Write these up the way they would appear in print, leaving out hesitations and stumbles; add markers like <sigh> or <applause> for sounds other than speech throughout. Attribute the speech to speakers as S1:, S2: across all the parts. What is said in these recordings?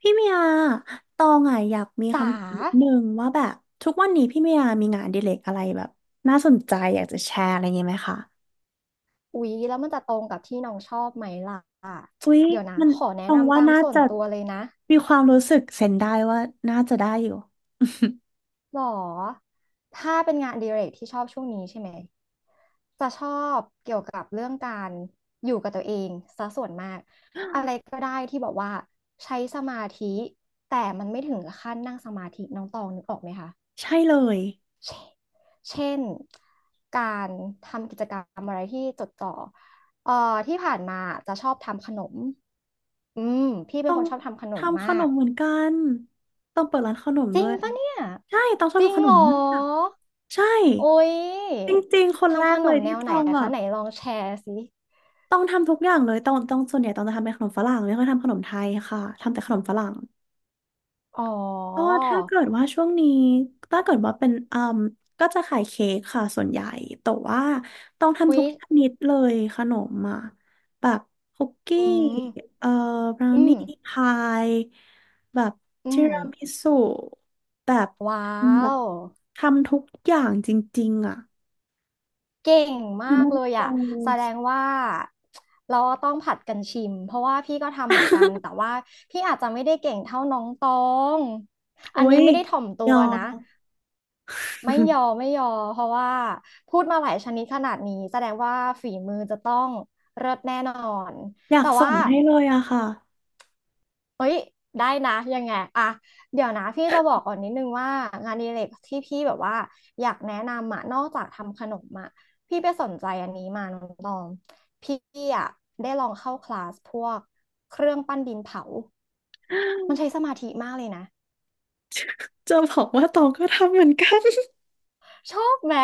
S1: พี่เมียตองอ่ะอยากมี
S2: จ๋า
S1: คำถามนิดนึงว่าแบบทุกวันนี้พี่เมียมีงานอดิเรกอะไรแบบน่าสนใจอยากจะแชร์อะไรอย่างงี้ไหมคะ
S2: อุ๊ยแล้วมันจะตรงกับที่น้องชอบไหมล่ะ
S1: อุ๊ย
S2: เดี๋ยวนะ
S1: มัน
S2: ขอแนะ
S1: ตอง
S2: นำ
S1: ว่า
S2: ตาม
S1: น่า
S2: ส่วน
S1: จะ
S2: ตัวเลยนะ
S1: มีความรู้สึกเซนได้ว่าน่าจะได้อยู่
S2: หรอถ้าเป็นงานอดิเรกที่ชอบช่วงนี้ใช่ไหมจะชอบเกี่ยวกับเรื่องการอยู่กับตัวเองซะส่วนมากอะไรก็ได้ที่บอกว่าใช้สมาธิแต่มันไม่ถึงกับขั้นนั่งสมาธิน้องตองนึกออกไหมคะ
S1: <laughs> ใช่เลย
S2: เช่นการทำกิจกรรมอะไรที่จดจ่อเอ่อที่ผ่านมาจะชอบทำขนมอืมพี่เป็
S1: ต้
S2: น
S1: อ
S2: ค
S1: ง
S2: นชอบทำขนม
S1: ทำข
S2: มา
S1: น
S2: ก
S1: มเหมือนกันต้องเปิดร้านขนม
S2: จริ
S1: ด้ว
S2: ง
S1: ย
S2: ปะเนี่ย
S1: ใช่ต้องชอบ
S2: จริง
S1: ทำขน
S2: เหร
S1: ม
S2: อ
S1: มากใช่
S2: โอ๊ย
S1: จริงๆคนแร
S2: ทำข
S1: ก
S2: น
S1: เล
S2: ม
S1: ย
S2: แน
S1: ที่
S2: วไหน
S1: ต้องแบ
S2: คะ
S1: บ
S2: ไหนลองแชร์สิ
S1: ต้องทำทุกอย่างเลยต้องส่วนใหญ่ต้องจะทำเป็นขนมฝรั่งไม่ค่อยทำขนมไทยค่ะทำแต่ขนมฝรั่ง
S2: อ๋อ
S1: ก็ถ้าเกิดว่าช่วงนี้ถ้าเกิดว่าเป็นก็จะขายเค้กค่ะส่วนใหญ่แต่ว่าต้องทำทุ
S2: วิ
S1: กชนิดเลยขนมอ่ะแบบคุกกี้
S2: อืม
S1: เอ่อบราว
S2: อืม
S1: นี่พายแบบ
S2: อื
S1: ที
S2: ม
S1: รามิสุแบบ
S2: ว้า
S1: แบบ
S2: ว
S1: ทำทุกอย่างจริงๆอ่ะ
S2: เก่งมา
S1: น้ำ
S2: ก
S1: มัน
S2: เลย
S1: โอ
S2: อ่ะแสดงว่าเราต้องผัดกันชิมเพราะว่าพี่ก็ทำเหมือนกันแต่ว่าพี่อาจจะไม่ได้เก่งเท่าน้องตอง
S1: โอ้
S2: อันนี้
S1: ย
S2: ไม่ได้ถ่อมตั
S1: ย
S2: ว
S1: อ
S2: นะ
S1: ม
S2: ไม่ยอม
S1: <laughs>
S2: ไม่ยอมเพราะว่าพูดมาหลายชนิดขนาดนี้แสดงว่าฝีมือจะต้องเลิศแน่นอน
S1: อยาก
S2: แต่
S1: ส่
S2: ว่า
S1: งให้เลยอะค่ะ
S2: เอ้ยได้นะยังไงอะเดี๋ยวนะพี่จะบอกก่อนนิดนึงว่างานอดิเรกที่พี่แบบว่าอยากแนะนำอะนอกจากทำขนมอะพี่ไปสนใจอันนี้มาน้องตองพี่อะได้ลองเข้าคลาสพวกเครื่องปั้นดินเผามันใช้สมาธิมากเลยนะ
S1: จะบอกว่าตองก็ทำเหมือนกัน
S2: ชอบไหม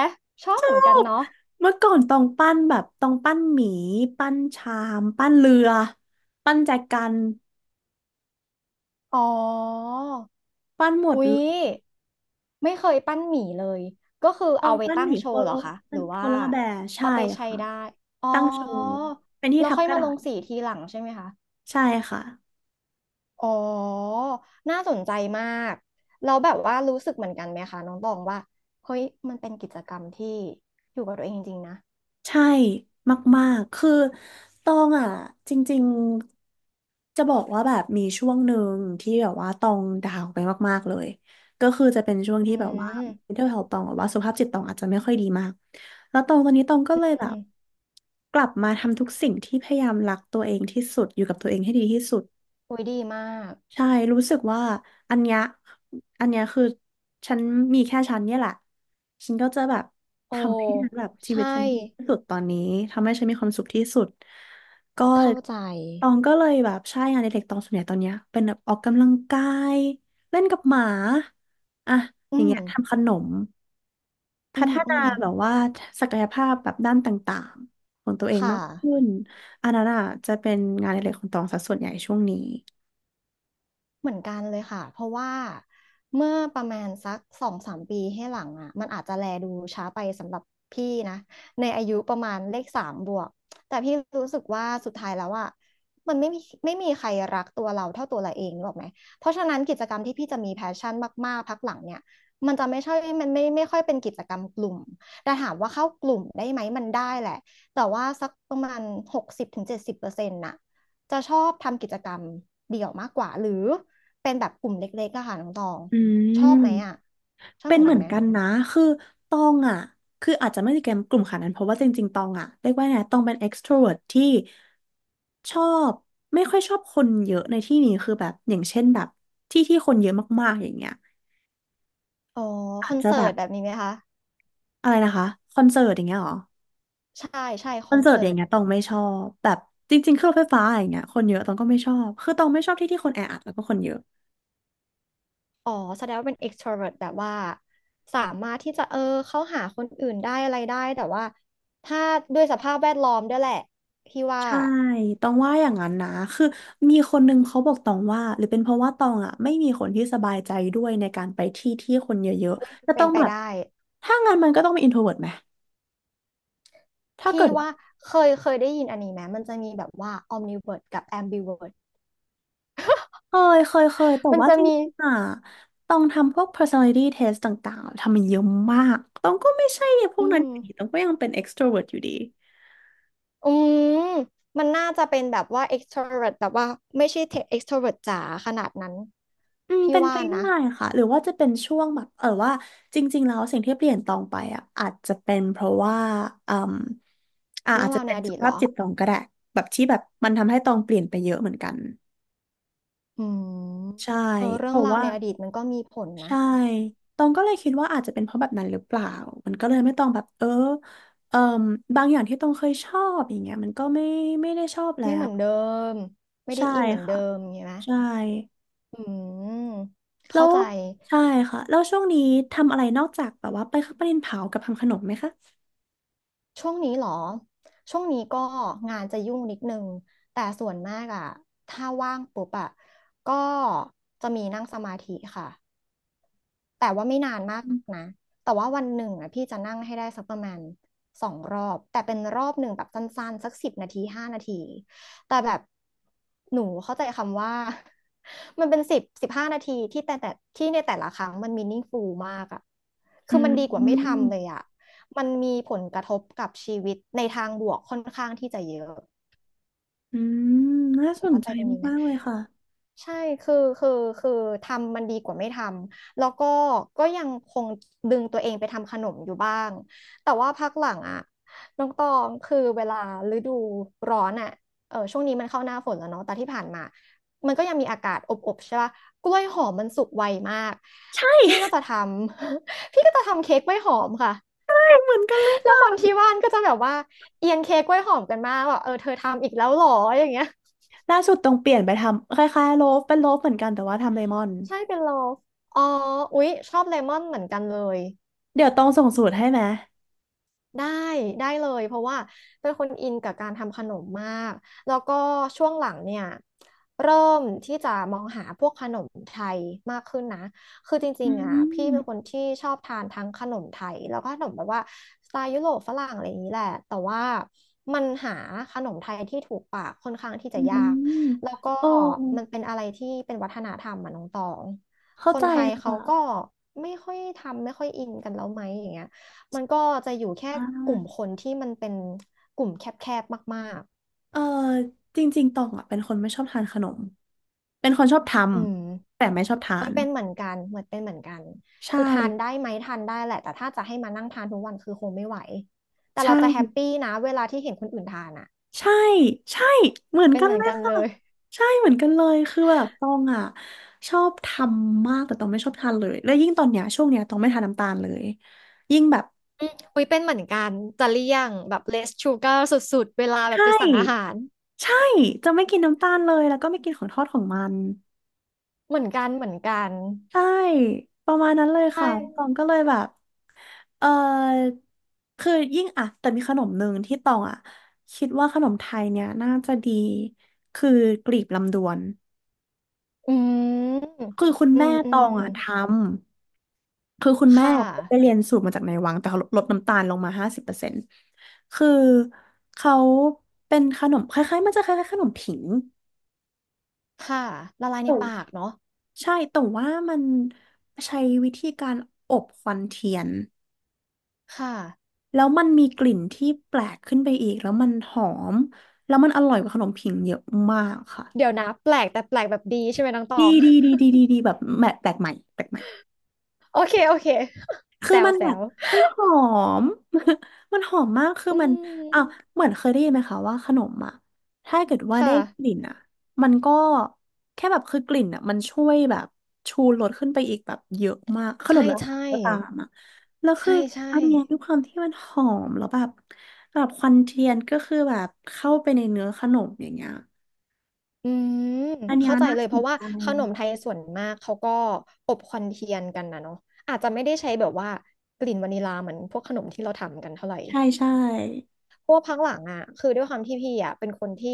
S2: ชอบเหมือนกันเนาะ
S1: เมื่อก่อนต้องปั้นแบบต้องปั้นหมีปั้นชามปั้นเรือปั้นแจกัน
S2: อ๋อ
S1: ปั้นหมด
S2: อุ๊
S1: เล
S2: ย
S1: ย
S2: ไม่เคยปั้นหมี่เลยก็คือ
S1: ต้อ
S2: เอา
S1: ง
S2: ไป
S1: ปั้น
S2: ตั้
S1: ห
S2: ง
S1: มี
S2: โช
S1: โค
S2: ว์
S1: โล
S2: เหรอคะห
S1: ปั้
S2: รื
S1: น
S2: อ
S1: โพ
S2: ว่า
S1: ลาร์แบร์ใช่
S2: เอาไปใช้
S1: ค่ะ
S2: ได้อ๋อ
S1: ตั้งโชว์เป็นที่
S2: เรา
S1: ทับ
S2: ค่อย
S1: กระ
S2: มา
S1: ดา
S2: ลง
S1: ษ
S2: สีทีหลังใช่ไหมคะ
S1: ใช่ค่ะ
S2: อ๋อน่าสนใจมากเราแล้วแบบว่ารู้สึกเหมือนกันไหมคะน้องตองว่าเฮ้ยมันเป็นกิจกรรมที่อยู่กับตัวเองจริงๆนะ
S1: ใช่มากๆ คือตองอ่ะจริงๆจะบอกว่าแบบมีช่วงหนึ่งที่แบบว่าตองดาวไปมากๆเลยก็คือจะเป็นช่วงที่
S2: อื
S1: แบบว่า
S2: ม
S1: mental health ตองหรือว่าสุขภาพจิตตองอาจจะไม่ค่อยดีมากแล้วตองตอนนี้ตองก็
S2: อื
S1: เลยแบ
S2: ม
S1: บกลับมาทำทุกสิ่งที่พยายามรักตัวเองที่สุดอยู่กับตัวเองให้ดีที่สุด
S2: โอุ้ยดีมาก
S1: ใช่รู้สึกว่าอันเนี้ยอันเนี้ยคือฉันมีแค่ฉันเนี่ยแหละ ฉันก็จะแบบ
S2: โอ้
S1: ทำให้ฉันแบบชีวิ
S2: ใช่
S1: ตฉันดีที่สุดตอนนี้ ทำให้ฉันมีความสุขที่สุดก็
S2: เข้าใจ
S1: ตองก็เลยแบบใช่งานอดิเรกตองส่วนใหญ่ตอนเนี้ยเป็นแบบออกกำลังกายเล่นกับหมาอะอ
S2: อื
S1: ย่าง
S2: ม
S1: เงี้ยทำขนม
S2: อื
S1: พัฒ
S2: มอื
S1: นา
S2: ม
S1: แบบว่าศักยภาพแบบด้านต่างๆของตัวเอง
S2: ค่ะ
S1: มากขึ้นอันนั้นอ่ะจะเป็นงานอดิเรกของตองซะส่วนใหญ่ช่วงนี้
S2: เหมือนกันเลยค่ะเพราะว่าเมื่อประมาณสัก2-3 ปีให้หลังอ่ะมันอาจจะแลดูช้าไปสำหรับพี่นะในอายุประมาณเลขสามบวกแต่พี่รู้สึกว่าสุดท้ายแล้วอ่ะมันไม่มีใครรักตัวเราเท่าตัวเราเองหรอกไหมเพราะฉะนั้นกิจกรรมที่พี่จะมีแพชชั่นมากๆพักหลังเนี่ยมันจะไม่ใช่มันไม่ค่อยเป็นกิจกรรมกลุ่มแต่ถามว่าเข้ากลุ่มได้ไหมมันได้แหละแต่ว่าสักประมาณ60-70%น่ะ จะชอบทำกิจกรรมเดี่ยวมากกว่าหรือเป็นแบบกลุ่มเล็กๆอะค่ะน้องตอง
S1: อื
S2: ช
S1: ม
S2: อบไหมอะชอบ
S1: เป็
S2: เห
S1: น
S2: มือน
S1: เห
S2: กั
S1: มื
S2: น
S1: อน
S2: ไหม
S1: กันนะคือตองอ่ะคืออาจจะไม่ได้เกมกลุ่มขนาดนั้นเพราะว่าจริงๆตองอ่ะเรียกว่าไงตองเป็นเอ็กซ์โทรเวิร์ t ที่ชอบไม่ค่อยชอบคนเยอะในที่นี้คือแบบอย่างเช่นแบบที่ที่คนเยอะมากๆอย่างเงี้ย
S2: อ๋อค
S1: อาจ
S2: อน
S1: จะ
S2: เสิ
S1: แบ
S2: ร์ต
S1: บ
S2: แบบนี้ไหมคะ
S1: อะไรนะคะคอนเสิร์ตอย่างเงี้ยเหรอ
S2: ใช่ใช่ค
S1: คอ
S2: อ
S1: น
S2: น
S1: เสิร์ตอ
S2: เสิ
S1: ย่า
S2: ร์
S1: ง
S2: ต
S1: เงี้ยตองไม่ชอบแบบจริงๆเครื่องไฟฟ้าอย่างเงี้ยคนเยอะตองก็ไม่ชอบคือตองไม่ชอบที่ที่คนแออัดแล้วก็คนเยอะ
S2: อ๋อแสดงว่าเป็น extrovert แบบว่าสามารถที่จะเข้าหาคนอื่นได้อะไรได้แต่ว่าถ้าด้วยสภาพแวดล้อมด้วยแหละพี่ว่า
S1: ใช่ตองว่าอย่างนั้นนะ คือมีคนนึงเขาบอกตองว่า หรือเป็นเพราะว่าตองอ่ะไม่มีคนที่สบายใจด้วยในการไปที่ที่คนเยอะ
S2: อุ๊ย
S1: ๆจะ
S2: เป็
S1: ต้อ
S2: น
S1: ง
S2: ไป
S1: แบบ
S2: ได้
S1: ถ้างั้นมันก็ต้องเป็น introvert ไหมถ้าเกิ
S2: พี่
S1: ดว่า
S2: ว่าเคยได้ยินอันนี้ไหมมันจะมีแบบว่า omnivert กับ ambivert
S1: เคยแต่
S2: มัน
S1: ว่า
S2: จะ
S1: จร
S2: มี
S1: ิงๆอ่ะตองทำพวก personality test ต่างๆ ทำมันเยอะมากตองก็ไม่ใช่พว
S2: อื
S1: กนั้น
S2: ม
S1: อยู่ดีตองก็ยังเป็น extrovert อยู่ดี
S2: อืมมันน่าจะเป็นแบบว่า extrovert แบบว่าไม่ใช่ extrovert จ๋าขนาดนั้น
S1: อืม
S2: พี่
S1: เป็น
S2: ว่า
S1: ไป
S2: นะ
S1: ได้ค่ะหรือว่าจะเป็นช่วงแบบเออว่าจริงๆแล้วสิ่งที่เปลี่ยนตองไปอ่ะอาจจะเป็นเพราะว่าอืม
S2: เรื่อ
S1: อาจ
S2: ง
S1: จะ
S2: ราวใน
S1: เป็น
S2: อ
S1: สุ
S2: ดี
S1: ข
S2: ตเห
S1: ภา
S2: ร
S1: พ
S2: อ
S1: จิตตองก็ได้แบบที่แบบมันทำให้ตองเปลี่ยนไปเยอะเหมือนกัน
S2: อืม
S1: ใช่
S2: เออ
S1: เพ
S2: เรื่อง
S1: ราะ
S2: ราว
S1: ว่า
S2: ในอดีตมันก็มีผลนะ
S1: ใช่ตองก็เลยคิดว่าอาจจะเป็นเพราะแบบนั้นหรือเปล่ามันก็เลยไม่ต้องแบบเออเอ่มบางอย่างที่ตองเคยชอบอย่างเงี้ยมันก็ไม่ได้ชอบแล้
S2: ไม่เห
S1: ว
S2: มือนเดิมไม่ได้
S1: ใช่
S2: อินเหมือน
S1: ค่ะ
S2: เดิมใช่ไหม
S1: ใช่
S2: อืม
S1: แล้
S2: เข้า
S1: ว
S2: ใจ
S1: ใช่ค่ะแล้วช่วงนี้ทำอะไรนอกจากแบบว่าไปเข้าประเด็นเผากับทำขนมไหมคะ
S2: ช่วงนี้เหรอช่วงนี้ก็งานจะยุ่งนิดนึงแต่ส่วนมากอะถ้าว่างปุ๊บอะก็จะมีนั่งสมาธิค่ะ แต่ว่าไม่นานมากนะ แต่ว่าวันหนึ่งอ่ะพี่จะนั่งให้ได้สักประมาณ2 รอบ แต่เป็นรอบหนึ่งแบบสั้นๆสัก10 นาทีห้านาที แต่แบบหนูเข้าใจคำว่า <laughs> มันเป็น10 15 นาทีที่แต่ที่ในแต่ละครั้งมัน meaningful มากอ่ะคื
S1: อื
S2: อมันดีกว่าไม่
S1: ม
S2: ทำเลยอ่ะมันมีผลกระทบกับชีวิตในทางบวกค่อนข้างที่จะเยอะ
S1: อืมน่าสน
S2: เข้า
S1: ใจ
S2: ใจตรงนี้ไหม
S1: มากๆเลยค่ะ
S2: ใช่คือคือคือทำมันดีกว่าไม่ทำ แล้วก็ยังคงดึงตัวเองไปทำขนมอยู่บ้างแต่ว่าพักหลังอะน้องตองคือเวลาฤดูร้อนอะเออช่วงนี้มันเข้าหน้าฝนแล้วเนาะแต่ที่ผ่านมามันก็ยังมีอากาศอบๆใช่ปะกล้วยหอมมันสุกไวมาก
S1: ใช่
S2: พี่ก็จะทำ <laughs> พี่ก็จะทำเค้กกล้วยหอมค่ะ
S1: <laughs> เหมือนกันเลย
S2: แล้วค
S1: ค่ะ
S2: นที่บ้านก็จะแบบว่าเอียนเค้กกล้วยหอมกันมากว่าเออเธอทำอีกแล้วเหรออย่างเงี้ย
S1: ล่าสุดต้องเปลี่ยนไปทำคล้ายๆโลฟเป็นโลฟเหมือนกันแต่ว่าทำเลมอน
S2: ใช่เป็นลอฟอ๋ออุ๊ยชอบเลมอนเหมือนกันเลย
S1: เดี๋ยวต้องส่งสูตรให้ไหม
S2: ได้ได้เลยเพราะว่าเป็นคนอินกับการทำขนมมากแล้วก็ช่วงหลังเนี่ยเริ่มที่จะมองหาพวกขนมไทยมากขึ้นนะคือจ
S1: อื
S2: ริงๆอ่ะ
S1: ม
S2: พี่เป็นคนที่ชอบทานทั้งขนมไทยแล้วก็ขนมแบบว่าสไตล์ยุโรปฝรั่งอะไรอย่างนี้แหละแต่ว่ามันหาขนมไทยที่ถูกปากค่อนข้างที่
S1: อื
S2: จะ
S1: ม
S2: ยากแล้วก็
S1: โอ้
S2: มันเป็นอะไรที่เป็นวัฒนธรรมอ่ะน้องตองค
S1: เข้า
S2: น
S1: ใจ
S2: ไทยเขาก็
S1: ค่ะ
S2: ไม่ค่อยทำไม่ค่อยอินกันแล้วไหมอย่างเงี้ย มันก็จะอยู่แค่
S1: อ่
S2: กลุ่ม
S1: า
S2: คนที่มันเป็นกลุ่มแคบๆมาก
S1: เออจริงๆตองอ่ะเป็นคนไม่ชอบทานขนมเป็นคนชอบท
S2: ๆอืม
S1: ำแต่ไม่ชอบทา
S2: เอ้ย
S1: น
S2: เป็นเหมือนกันเหมือนเป็นเหมือนกัน
S1: ใช่
S2: คือทานได้ไหมทานได้แหละแต่ถ้าจะให้มานั่งทานทุกวันคือคงไม่ไหวแต่
S1: ใช่
S2: เราจะแฮปปี้นะเวลาที่เห็นคนอื่นทานอ่ะ
S1: ใช่ใช่เหมือน
S2: เป็น
S1: กัน
S2: เหมือ
S1: เล
S2: น
S1: ย
S2: กันเล
S1: ค่ะ
S2: ย
S1: ใช่เหมือนกันเลยคือแบบตองอ่ะชอบทำมากแต่ตองไม่ชอบทานเลยแล้วยิ่งตอนเนี้ยช่วงเนี้ยตองไม่ทานน้ำตาลเลยยิ่งแบบ
S2: อืมอุ้ยเป็นเหมือนกันจะเลี่ยงแบบ less sugar สุดๆเวลาแบบ
S1: ใช่
S2: ไปสั่งอาหาร
S1: ใช่จะไม่กินน้ำตาลเลยแล้วก็ไม่กินของทอดของมัน
S2: เหมือนกันเหมือนกัน
S1: ใช่ประมาณนั้นเลย
S2: ใช่
S1: ค่ะตองก็เลยแบบเออคือยิ่งอ่ะแต่มีขนมหนึ่งที่ตองอ่ะคิดว่าขนมไทยเนี่ยน่าจะดีคือกลีบลำดวน
S2: อืม
S1: คือคุณ
S2: อื
S1: แม่
S2: มอื
S1: ตอ
S2: ม
S1: งอ่ะทำ คือคุณแม่
S2: ค่ะ
S1: เขาไปเรียนสูตรมาจากในวังแต่เขาลดน้ำตาลลงมา50%คือเขาเป็นขนมคล้ายๆมันจะคล้ายๆขนมผิง
S2: ค่ะละลายใน
S1: แต่
S2: ปากเนาะ
S1: ใช่แต่ว่ามันใช้วิธีการอบควันเทียน
S2: ค่ะ
S1: แล้วมันมีกลิ่นที่แปลกขึ้นไปอีกแล้วมันหอมแล้วมันอร่อยกว่าขนมผิงเยอะมากค่ะ
S2: เดี๋ยวนะแปลกแต่แปลกแบบดีใช่ไหมน้องตอ
S1: ดี
S2: ง
S1: ดีดีดีดีดีแบบแปลกใหม่แปลกใหม่
S2: <laughs> โอเคโอเค <laughs>
S1: คื
S2: แซ
S1: อ
S2: ว
S1: มัน
S2: แซ
S1: แบบ
S2: ว
S1: มันหอม <laughs> มันหอมมากคือ
S2: อื
S1: มัน
S2: ม
S1: อ่ะเหมือนเคยได้ยินไหมคะว่าขนมถ้าเกิดว่าได้
S2: ค่ะ
S1: กลิ่นมันก็แค่แบบคือกลิ่นมันช่วยแบบชูรสขึ้นไปอีกแบบเยอะมากขน
S2: ใช่
S1: มแล้ว
S2: ใช่
S1: ก็ตามแล้วคือ
S2: ใช่ใช่
S1: อันเนี้ยด้วยความที่มันหอมแล้วแบบแบบควันเทียนก็คือแบบเข้าไปในเนื้อขนมอย่างเงี้ย
S2: อืม
S1: อันเนี้ย
S2: เข้าใจ
S1: น่า
S2: เลย
S1: ส
S2: เพ
S1: น
S2: ราะว่า
S1: ใจ
S2: ขนมไทยส่วนมากเขาก็อบควันเทียนกันนะเนาะอาจจะไม่ได้ใช้แบบว่ากลิ่นวานิลาเหมือนพวกขนมที่เราทำกันเท่าไหร่
S1: ใช่ใช่
S2: เพราะว่าพักหลังอ่ะคือด้วยความที่พี่อ่ะเป็นคนที่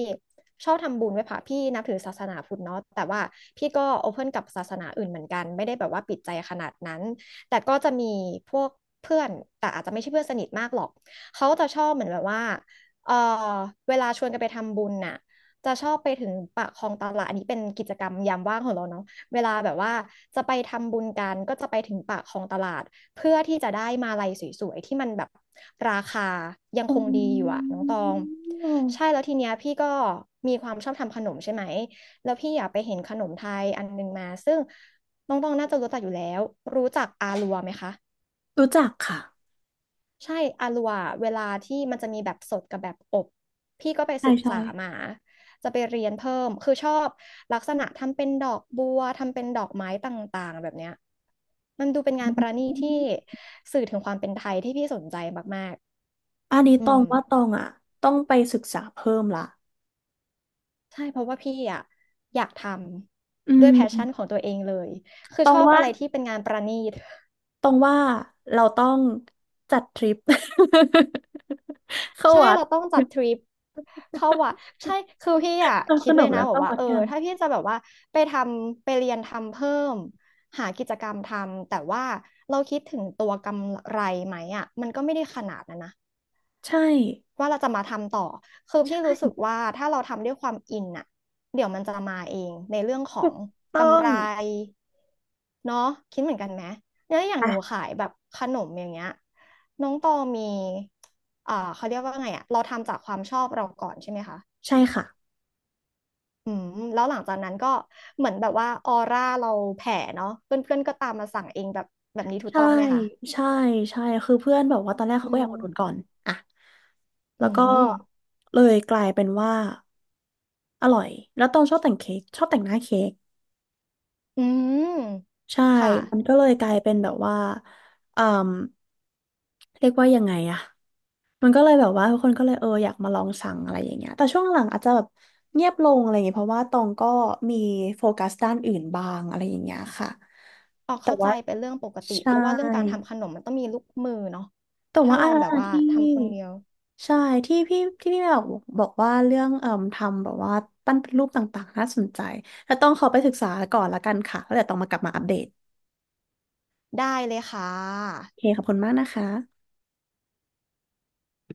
S2: ชอบทำบุญไหว้พระพี่นับถือศาสนาพุทธเนาะแต่ว่าพี่ก็โอเพ่นกับศาสนาอื่นเหมือนกันไม่ได้แบบว่าปิดใจขนาดนั้นแต่ก็จะมีพวกเพื่อนแต่อาจจะไม่ใช่เพื่อนสนิทมากหรอกเขาจะชอบเหมือนแบบว่าเออเวลาชวนกันไปทำบุญน่ะจะชอบไปถึงปากคลองตลาดอันนี้เป็นกิจกรรมยามว่างของเราเนาะเวลาแบบว่าจะไปทำบุญกันก็จะไปถึงปากคลองตลาด เพื่อที่จะได้มาลัยสวยๆที่มันแบบราคายัง
S1: อื
S2: คงดีอยู่อะน้องตอง
S1: ม
S2: ใช่แล้วทีเนี้ยพี่ก็มีความชอบทำขนมใช่ไหมแล้วพี่อยากไปเห็นขนมไทยอันหนึงมาซึ่งน้องตองน่าจะรู้จักอยู่แล้วรู้จักอาลัวไหมคะ
S1: รู้จักค่ะ
S2: ใช่อาลัวเวลาที่มันจะมีแบบสดกับแบบอบพี่ก็ไป
S1: ใช่
S2: ศึก
S1: ใช่
S2: ษามา จะไปเรียนเพิ่ม คือชอบลักษณะทำเป็นดอกบัว ทำเป็นดอกไม้ต่างๆแบบเนี้ยมันดูเป็นงานประณีตที่สื่อถึงความเป็นไทยที่พี่สนใจมาก
S1: อันนี้
S2: ๆอื
S1: ตอ
S2: ม
S1: งว่าตองต้องไปศึกษาเพิ่มละ
S2: ใช่เพราะว่าพี่อะอยากท
S1: อื
S2: ำด้วย
S1: ม
S2: แพชชั่นของตัวเองเลยคือ
S1: ตอ
S2: ช
S1: ง
S2: อบ
S1: ว่า
S2: อะไรที่เป็นงานประณีต
S1: ตองว่าเราต้องจัดทริป <laughs> เข้า
S2: ใช่
S1: วัด
S2: เราต้องจัดทริปเข้าวัดใช่คือพี่อ่ะ
S1: ทำข
S2: คิด
S1: น
S2: เล
S1: ม
S2: ย
S1: แล้
S2: นะ
S1: ว
S2: บอก
S1: เข้า
S2: ว่า
S1: วัดกัน
S2: ถ้าพี่จะแบบว่าไปทำไปเรียนทำเพิ่มหากิจกรรมทำแต่ว่าเราคิดถึงตัวกำไรไหมอ่ะมันก็ไม่ได้ขนาดนั้นนะ
S1: ใช่
S2: ว่าเราจะมาทำต่อ คือ
S1: ใช่
S2: พี่รู้สึกว่าถ้าเราทำด้วยความอินอ่ะเดี๋ยวมันจะมาเองในเรื่องขอ
S1: ถู
S2: ง
S1: กต้อ
S2: กำ
S1: ง
S2: ไรเนาะคิดเหมือนกันไหมเนี่ยอย่างหนู
S1: อ่ะ
S2: ขายแบบขนมอย่างเงี้ยน้องตอมีเขาเรียกว่าไงอะเราทำจากความชอบเราก่อนใช่ไหมคะ
S1: ใช่ค่ะ
S2: อืมแล้วหลังจากนั้นก็เหมือนแบบว่าออร่าเราแผ่เนาะเพื่อนๆก็ตามมาสั่งเองแบบแบบนี้ถูก
S1: ใช่
S2: ต้องไหมคะ
S1: ใช่ใช่คือเพื่อนแบบว่าตอนแรก
S2: อื
S1: เขาก็อยากอุดหนุนก่อ
S2: ม
S1: นอ่ะแล้
S2: อื
S1: วก็
S2: ม
S1: เลยกลายเป็นว่าอร่อยแล้วตองชอบแต่งเค้กชอบแต่งหน้าเค้ก
S2: อืม
S1: ใช่
S2: ค่ะ
S1: มันก็เลยกลายเป็นแบบว่าเอ่มเรียกว่ายังไงอะมันก็เลยแบบว่าทุกคนก็เลยเอออยากมาลองสั่งอะไรอย่างเงี้ยแต่ช่วงหลังอาจจะแบบเงียบลงอะไรอย่างเงี้ยเพราะว่าตองก็มีโฟกัสด้านอื่นบ้างอะไรอย่างเงี้ยค่ะ
S2: ออก
S1: แต่
S2: เข้าใจ
S1: ว่า
S2: เป็นเรื่องปกติ
S1: ใช่
S2: เพราะว่าเรื่องการทำขนมมันต้องมีลูกมือเนาะ
S1: แต่
S2: ถ้า
S1: ว่าอะ
S2: เรา
S1: ไร
S2: แบบว่า
S1: ที่
S2: ทำคนเดียว
S1: ใช่ที่พี่แบบบอกว่าเรื่องเอ่มทำแบบว่าปั้นเป็นรูปต่างๆน่าสนใจแต่ต้องขอไปศึกษาก่อนละกันค่ะแล้วเดี๋ยวต้องมากลับมาอัปเดต
S2: ได้เลยค่ะ
S1: โอเคขอบคุณมากนะคะ